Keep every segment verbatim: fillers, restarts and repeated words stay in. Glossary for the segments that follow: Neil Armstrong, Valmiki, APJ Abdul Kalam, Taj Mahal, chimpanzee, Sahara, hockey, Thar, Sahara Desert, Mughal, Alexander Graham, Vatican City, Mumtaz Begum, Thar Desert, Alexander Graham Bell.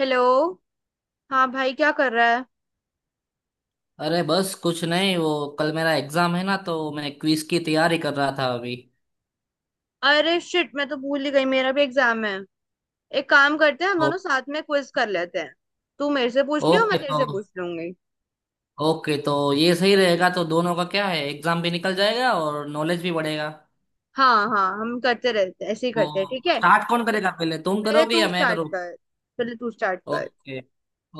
Hello. हाँ भाई, क्या कर रहा है? अरे बस कुछ नहीं। वो कल मेरा एग्जाम है ना, तो मैं क्विज की तैयारी कर रहा था अभी। अरे शिट, मैं तो भूल ही गई, मेरा भी एग्जाम है। एक काम करते हैं, हम दोनों तो साथ में क्विज कर लेते हैं। तू मेरे से पूछ लियो, मैं ओके तेरे तो से पूछ लूंगी। ओके तो ये सही रहेगा, तो दोनों का क्या है, एग्जाम भी निकल जाएगा और नॉलेज भी बढ़ेगा। हाँ हाँ, हम करते रहते हैं, ऐसे ही तो करते हैं, ठीक है। स्टार्ट कौन करेगा, पहले तुम पहले करोगे तू या मैं स्टार्ट करूँ? कर। पहले तू स्टार्ट कर। ओके।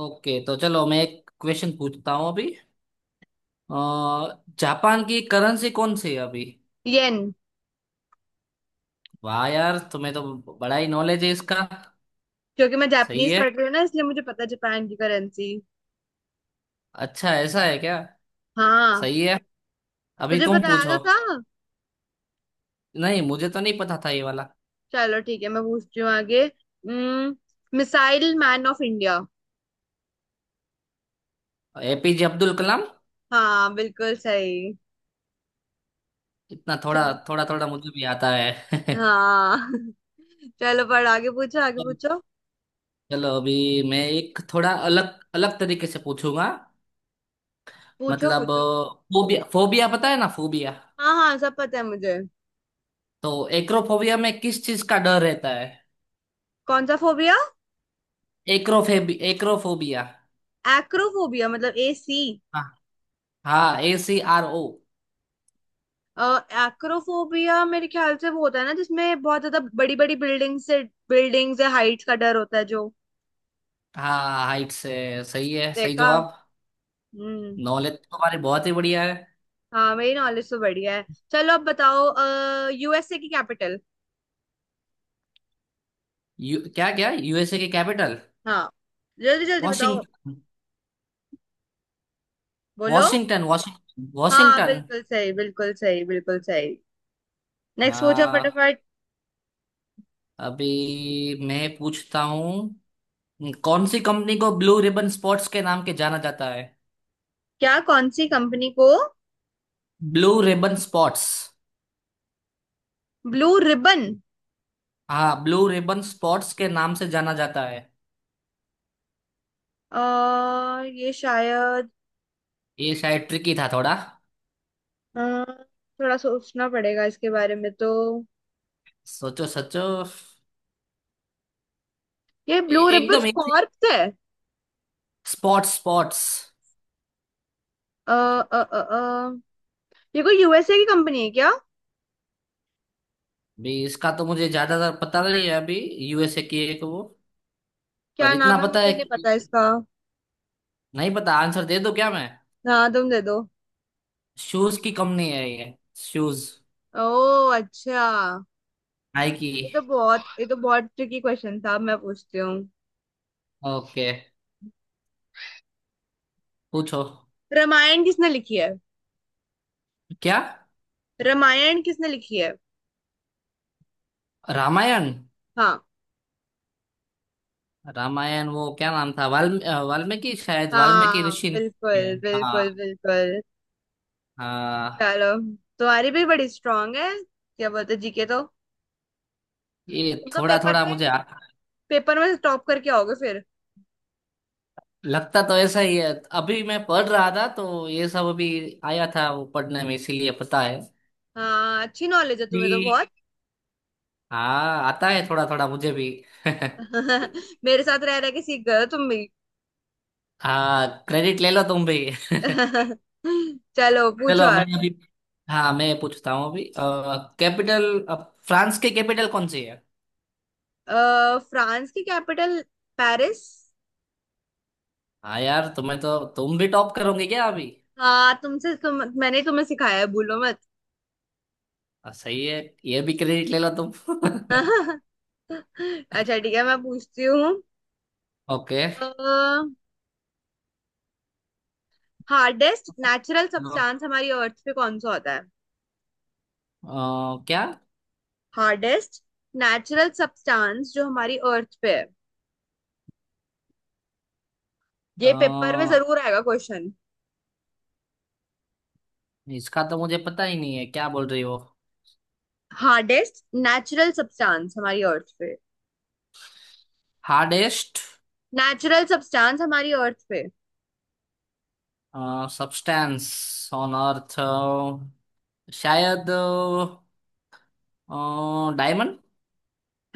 ओके तो चलो मैं एक क्वेश्चन पूछता हूँ अभी। अ, जापान की करेंसी कौन सी है अभी? येन। वाह यार, तुम्हें तो बड़ा ही नॉलेज है इसका। क्योंकि मैं सही जापानीज है। पढ़ रही हूँ ना, इसलिए मुझे पता है जापान की करेंसी। अच्छा ऐसा है क्या? हाँ। सही है। अभी तुझे तुम बताया पूछो। तो था। नहीं, मुझे तो नहीं पता था ये वाला। चलो ठीक है, मैं पूछती हूँ आगे। Missile man of India. APJ Abdul Kalam. हाँ बिल्कुल सही। इतना थोड़ा, थोड़ा थोड़ा मुझे भी आता है हाँ। चलो, पर आगे पूछो, आगे पूछो। चलो अभी मैं एक थोड़ा अलग अलग तरीके से पूछूंगा। पूछो मतलब पूछो। फोबिया, फोबिया पता है ना, फोबिया? हाँ हाँ, सब पता है मुझे। तो एक्रोफोबिया में किस चीज का डर रहता है? कौन सा फोबिया? Acrophobia acrophobia. एक्रोफोबिया मतलब ए सी। हाँ। हाँ, A C R O. Acrophobia मेरे ख्याल से वो होता है ना, जिसमें बहुत ज्यादा बड़ी बड़ी बिल्डिंग से, बिल्डिंग्स या हाइट्स का डर होता है जो। हाँ, हाइट से। सही है, सही देखा। जवाब। हम्म। नॉलेज तो हमारी बहुत ही बढ़िया है। हाँ, मेरी नॉलेज तो बढ़िया है। चलो अब बताओ, अः यू एस ए की कैपिटल। यू, क्या क्या यूएसए की कैपिटल? हाँ। जल्दी जल्दी बताओ। वॉशिंगटन। बोलो। वॉशिंगटन। हाँ वॉशिंगटन। बिल्कुल सही, बिल्कुल सही, बिल्कुल सही। नेक्स्ट पूछो हाँ फटाफट। अभी मैं पूछता हूँ, कौन सी कंपनी को ब्लू रिबन स्पॉट्स के नाम के जाना जाता है? क्या? कौन सी कंपनी को blue ribbon sports. Blue ribbon. हाँ, ब्लू रिबन स्पॉट्स के नाम से जाना जाता है। आ, ये शायद। ये शायद ट्रिकी था थोड़ा। अ, थोड़ा सोचना पड़ेगा इसके बारे में तो। सोचो सोचो। ये ब्लू ए- रिबन एकदम एक कॉर्प्स है। Sports sports. अ, अ, अ, अ, ये कोई यू एस ए की कंपनी है क्या? भी इसका तो मुझे ज्यादातर पता नहीं है अभी। यूएसए की है वो। क्या पर इतना नाम है, पता मुझे है नहीं पता कि इसका। नहीं पता। आंसर दे दो क्या मैं? हाँ तुम दे दो। शूज की कंपनी है ये। शूज। ओ अच्छा। नाइकी। ये तो बहुत, ये तो बहुत ट्रिकी क्वेश्चन था। अब मैं पूछती हूँ। ओके पूछो। रामायण किसने लिखी है? क्या? रामायण किसने लिखी है? रामायण? हाँ। रामायण वो क्या नाम था, वाल्म अ, वाल्मीकि, शायद वाल्मीकि हाँ ऋषि ने लिखी है बिल्कुल बिल्कुल हाँ। बिल्कुल। हाँ चलो। तुम्हारी भी बड़ी स्ट्रांग है, क्या बोलते जी के तो? ये तुम तो थोड़ा पेपर थोड़ा में, मुझे आ- पेपर में टॉप करके आओगे फिर। लगता तो ऐसा ही है। अभी मैं पढ़ रहा था, तो ये सब अभी आया था वो पढ़ने में, इसीलिए पता है हाँ, अच्छी नॉलेज है तुम्हें तो अभी। बहुत। हाँ आता है थोड़ा थोड़ा मुझे भी मेरे साथ रह रह के सीख गए हो तुम भी। हाँ क्रेडिट ले लो तुम भी चलो पूछो चलो मैं आगे। अभी। हाँ मैं पूछता हूँ अभी। कैपिटल फ्रांस की कैपिटल कौन सी है? अ, फ्रांस की कैपिटल। पेरिस। हाँ यार, तुम्हें तो तुम भी टॉप करोगे क्या अभी? हाँ, तुमसे तुम मैंने तुम्हें सिखाया है, भूलो मत। आ, सही है। ये भी क्रेडिट ले लो तुम अच्छा ठीक है, मैं पूछती हूँ। ओके। आ, हार्डेस्ट नेचुरल सब्सटेंस हमारी अर्थ पे कौन सा होता है? क्या? हार्डेस्ट नेचुरल सब्सटेंस जो हमारी अर्थ पे है। ये पेपर में अ, जरूर आएगा क्वेश्चन। इसका तो मुझे पता ही नहीं है, क्या बोल रही हो? हार्डेस्ट नेचुरल सब्सटेंस हमारी अर्थ पे, हार्डेस्ट नेचुरल सब्सटेंस हमारी अर्थ पे। सब्सटेंस ऑन अर्थ, शायद डायमंड।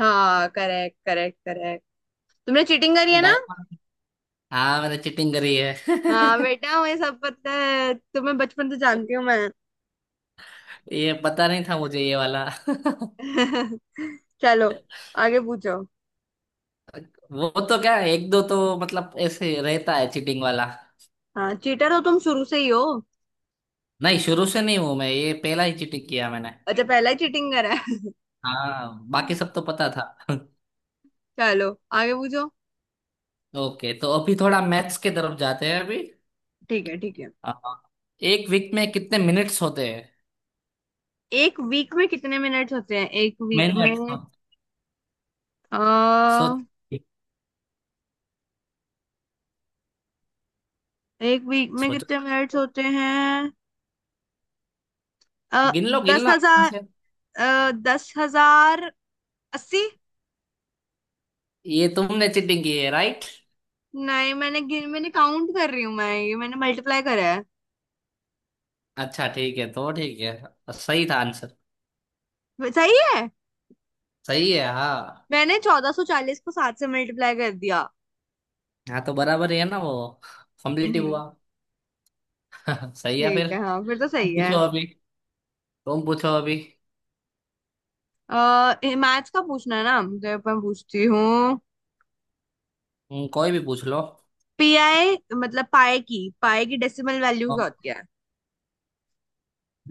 हाँ करेक्ट करेक्ट करेक्ट। तुमने चीटिंग करी है ना? डायमंड। हाँ मैंने चीटिंग करी है हाँ बेटा, मुझे सब पता है, तुम्हें बचपन से जानती हूँ मैं। ये पता नहीं था मुझे ये वाला। चलो आगे पूछो। वो तो क्या, एक दो तो मतलब ऐसे रहता है चीटिंग वाला। हाँ चीटर हो तुम, शुरू से ही हो। नहीं, शुरू से नहीं हूं मैं, ये पहला ही चीटिंग किया मैंने। अच्छा, पहला ही चीटिंग करा है? हाँ, बाकी सब तो पता था। चलो आगे पूछो। ओके तो अभी थोड़ा मैथ्स के तरफ जाते हैं अभी। ठीक है ठीक है। अ, एक वीक में कितने मिनट्स होते हैं? एक वीक में कितने मिनट्स होते हैं? एक वीक मिनट। में? आ, सोच। एक वीक में सोचो। कितने मिनट्स होते हैं? आ, गिन लो गिन दस लो आराम हजार से। अ, दस हजार अस्सी। ये तुमने चीटिंग की है राइट? नहीं, मैंने गिन मैंने काउंट कर रही हूँ मैं, ये मैंने मल्टीप्लाई करा है। अच्छा ठीक है, तो ठीक है। सही था आंसर? सही है। सही है, हाँ। मैंने चौदह सौ चालीस को सात से मल्टीप्लाई कर दिया। हाँ तो बराबर ही है ना वो। कम्प्लीटिव हम्म। हुआ। सही है ठीक फिर। है हाँ, फिर तो तुम सही है। पूछो अभी। तुम पूछो अभी। अः मैथ्स का पूछना है ना मुझे, मैं पूछती हूँ। हम्म, कोई भी पूछ लो। पी आई मतलब पाई की, पाई की डेसिमल वैल्यू क्या होती है?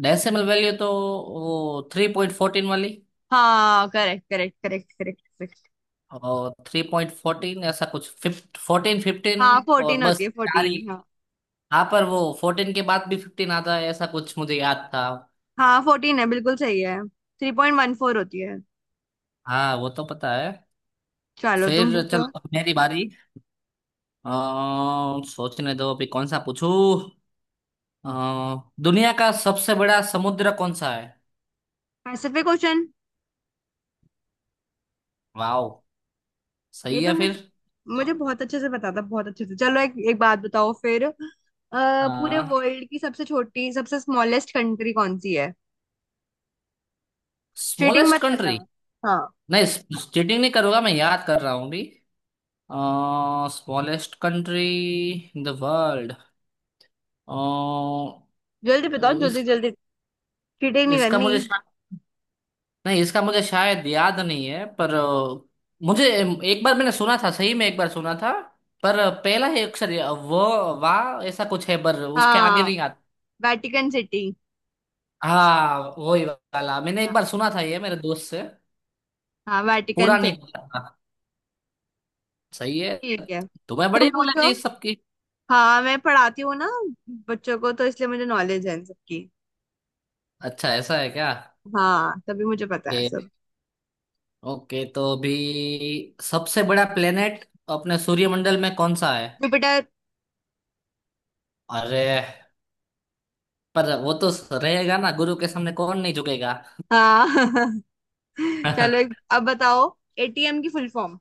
डेसिमल वैल्यू तो वो थ्री पॉइंट फोर्टीन वाली। हाँ correct correct correct correct correct. और थ्री पॉइंट फोर्टीन, ऐसा कुछ फिफ्ट फोर्टीन फिफ्टीन। हाँ और फोर्टीन होती बस है, चार फोर्टीन ही। हाँ। हाँ पर वो फोर्टीन के बाद भी फिफ्टीन आता है ऐसा कुछ मुझे याद था। हाँ फोर्टीन है, बिल्कुल सही है, थ्री पॉइंट वन फोर होती है। हाँ वो तो पता है। चलो तुम फिर पूछो। चलो अब मेरी बारी। आ, सोचने दो अभी कौन सा पूछूं। अ, दुनिया का सबसे बड़ा समुद्र कौन सा है? Pacific question. वाओ। ये सही तो है फिर मुझे तो। मुझे बहुत अच्छे से पता था, बहुत अच्छे से। चलो, एक एक बात बताओ फिर। अ, पूरे हाँ। वर्ल्ड की सबसे छोटी, सबसे स्मॉलेस्ट कंट्री कौन सी है? चीटिंग स्मॉलेस्ट मत करना। कंट्री? हाँ। नहीं चीटिंग नहीं करूंगा, मैं याद कर रहा हूँ अभी। Smallest country in the world. Uh, जल्दी बताओ, इस जल्दी जल्दी। चीटिंग नहीं इसका करनी। मुझे शा- नहीं, इसका मुझे शायद याद नहीं है, पर अ, मुझे एक बार मैंने सुना था, सही में एक बार सुना था, पर पहला ही अक्षर ये, व वा, ऐसा कुछ है पर उसके आगे हाँ, नहीं आता। Vatican city. हाँ वही वाला मैंने एक हाँ बार सुना था ये मेरे दोस्त से। हाँ, वेटिकन पूरा नहीं सिटी। पता था। सही है। ठीक है, तुम्हें बड़ी तुम नॉलेज पूछो। है इस सबकी। हाँ, मैं पढ़ाती हूँ ना बच्चों को, तो इसलिए मुझे नॉलेज है इन सबकी। अच्छा ऐसा है क्या? हाँ, तभी मुझे पता है ओके। सब। ओके तो अभी सबसे बड़ा प्लेनेट अपने सूर्यमंडल में कौन सा है? जुपिटर। अरे पर वो तो रहेगा ना, गुरु के सामने कौन नहीं झुकेगा हाँ। चलो एक अब बताओ, ए टी एम की full form.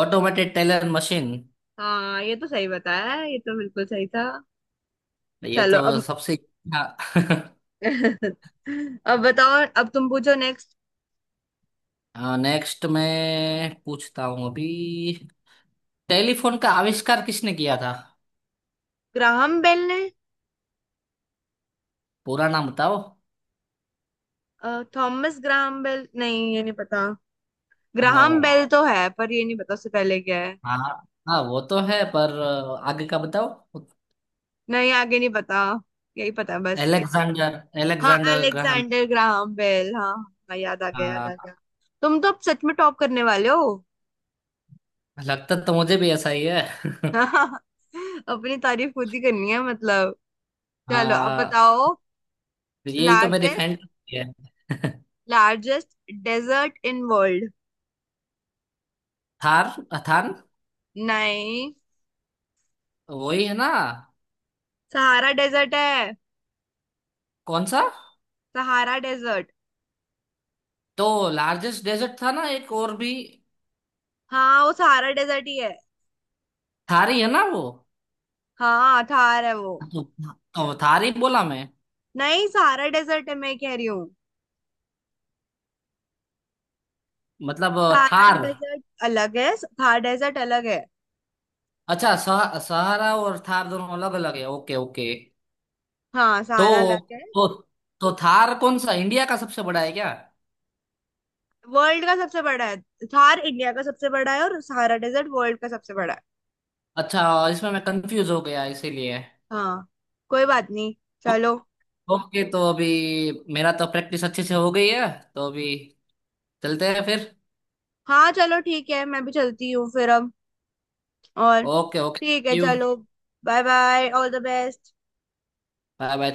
Automated teller machine. हाँ, ये तो सही बताया है, ये तो बिल्कुल सही था। ये चलो तो अब। सबसे अच्छा। अब बताओ, अब तुम पूछो नेक्स्ट। हाँ नेक्स्ट मैं पूछता हूँ अभी। टेलीफोन का आविष्कार किसने किया था? ग्राहम बेल ने। पूरा नाम बताओ। अ, थॉमस ग्राहम बेल, नहीं ये नहीं पता। नो। ग्राहम बेल तो है, पर ये नहीं पता उससे पहले क्या है। हाँ। हाँ वो तो है, पर आगे का बताओ। नहीं आगे नहीं पता, यही पता है बस। एलेक्सेंडर। हाँ Alexander Graham. Alexander Graham Bell, हाँ। हाँ, याद आ गया, याद आ हाँ गया। तुम तो अब सच में टॉप करने वाले हो। लगता तो मुझे भी ऐसा ही है। अपनी तारीफ खुद ही करनी है मतलब। चलो अब हाँ बताओ। यही तो मेरी लार्जेस्ट फ्रेंड है। Largest desert in world. Thar. थान। नहीं, वही है ना? सहारा डेजर्ट है। कौन सा? Sahara desert. तो लार्जेस्ट डेजर्ट था ना एक और भी। हाँ, वो सहारा डेजर्ट ही है। थारी है ना वो? हाँ, थार है वो। तो, तो थारी बोला मैं। नहीं, सहारा डेजर्ट है, मैं कह रही हूँ। मतलब सहारा थार। डेजर्ट अलग है, थार डेजर्ट अलग है। अच्छा सह, सहारा और थार दोनों अलग अलग है, ओके ओके। हाँ, सहारा तो अलग है। तो तो थार कौन सा, इंडिया का सबसे बड़ा है क्या? वर्ल्ड का सबसे बड़ा है। थार इंडिया का सबसे बड़ा है, और सहारा डेजर्ट वर्ल्ड का सबसे बड़ा है। अच्छा। इसमें मैं कंफ्यूज हो गया इसीलिए। हाँ, कोई बात नहीं। ओ- चलो। ओके तो अभी मेरा तो प्रैक्टिस अच्छे से हो गई है, तो अभी चलते हैं फिर। हाँ चलो ठीक है, मैं भी चलती हूँ फिर अब। और ओके। ओके ठीक थैंक है, यू। चलो। Bye bye, all the best. Bye bye.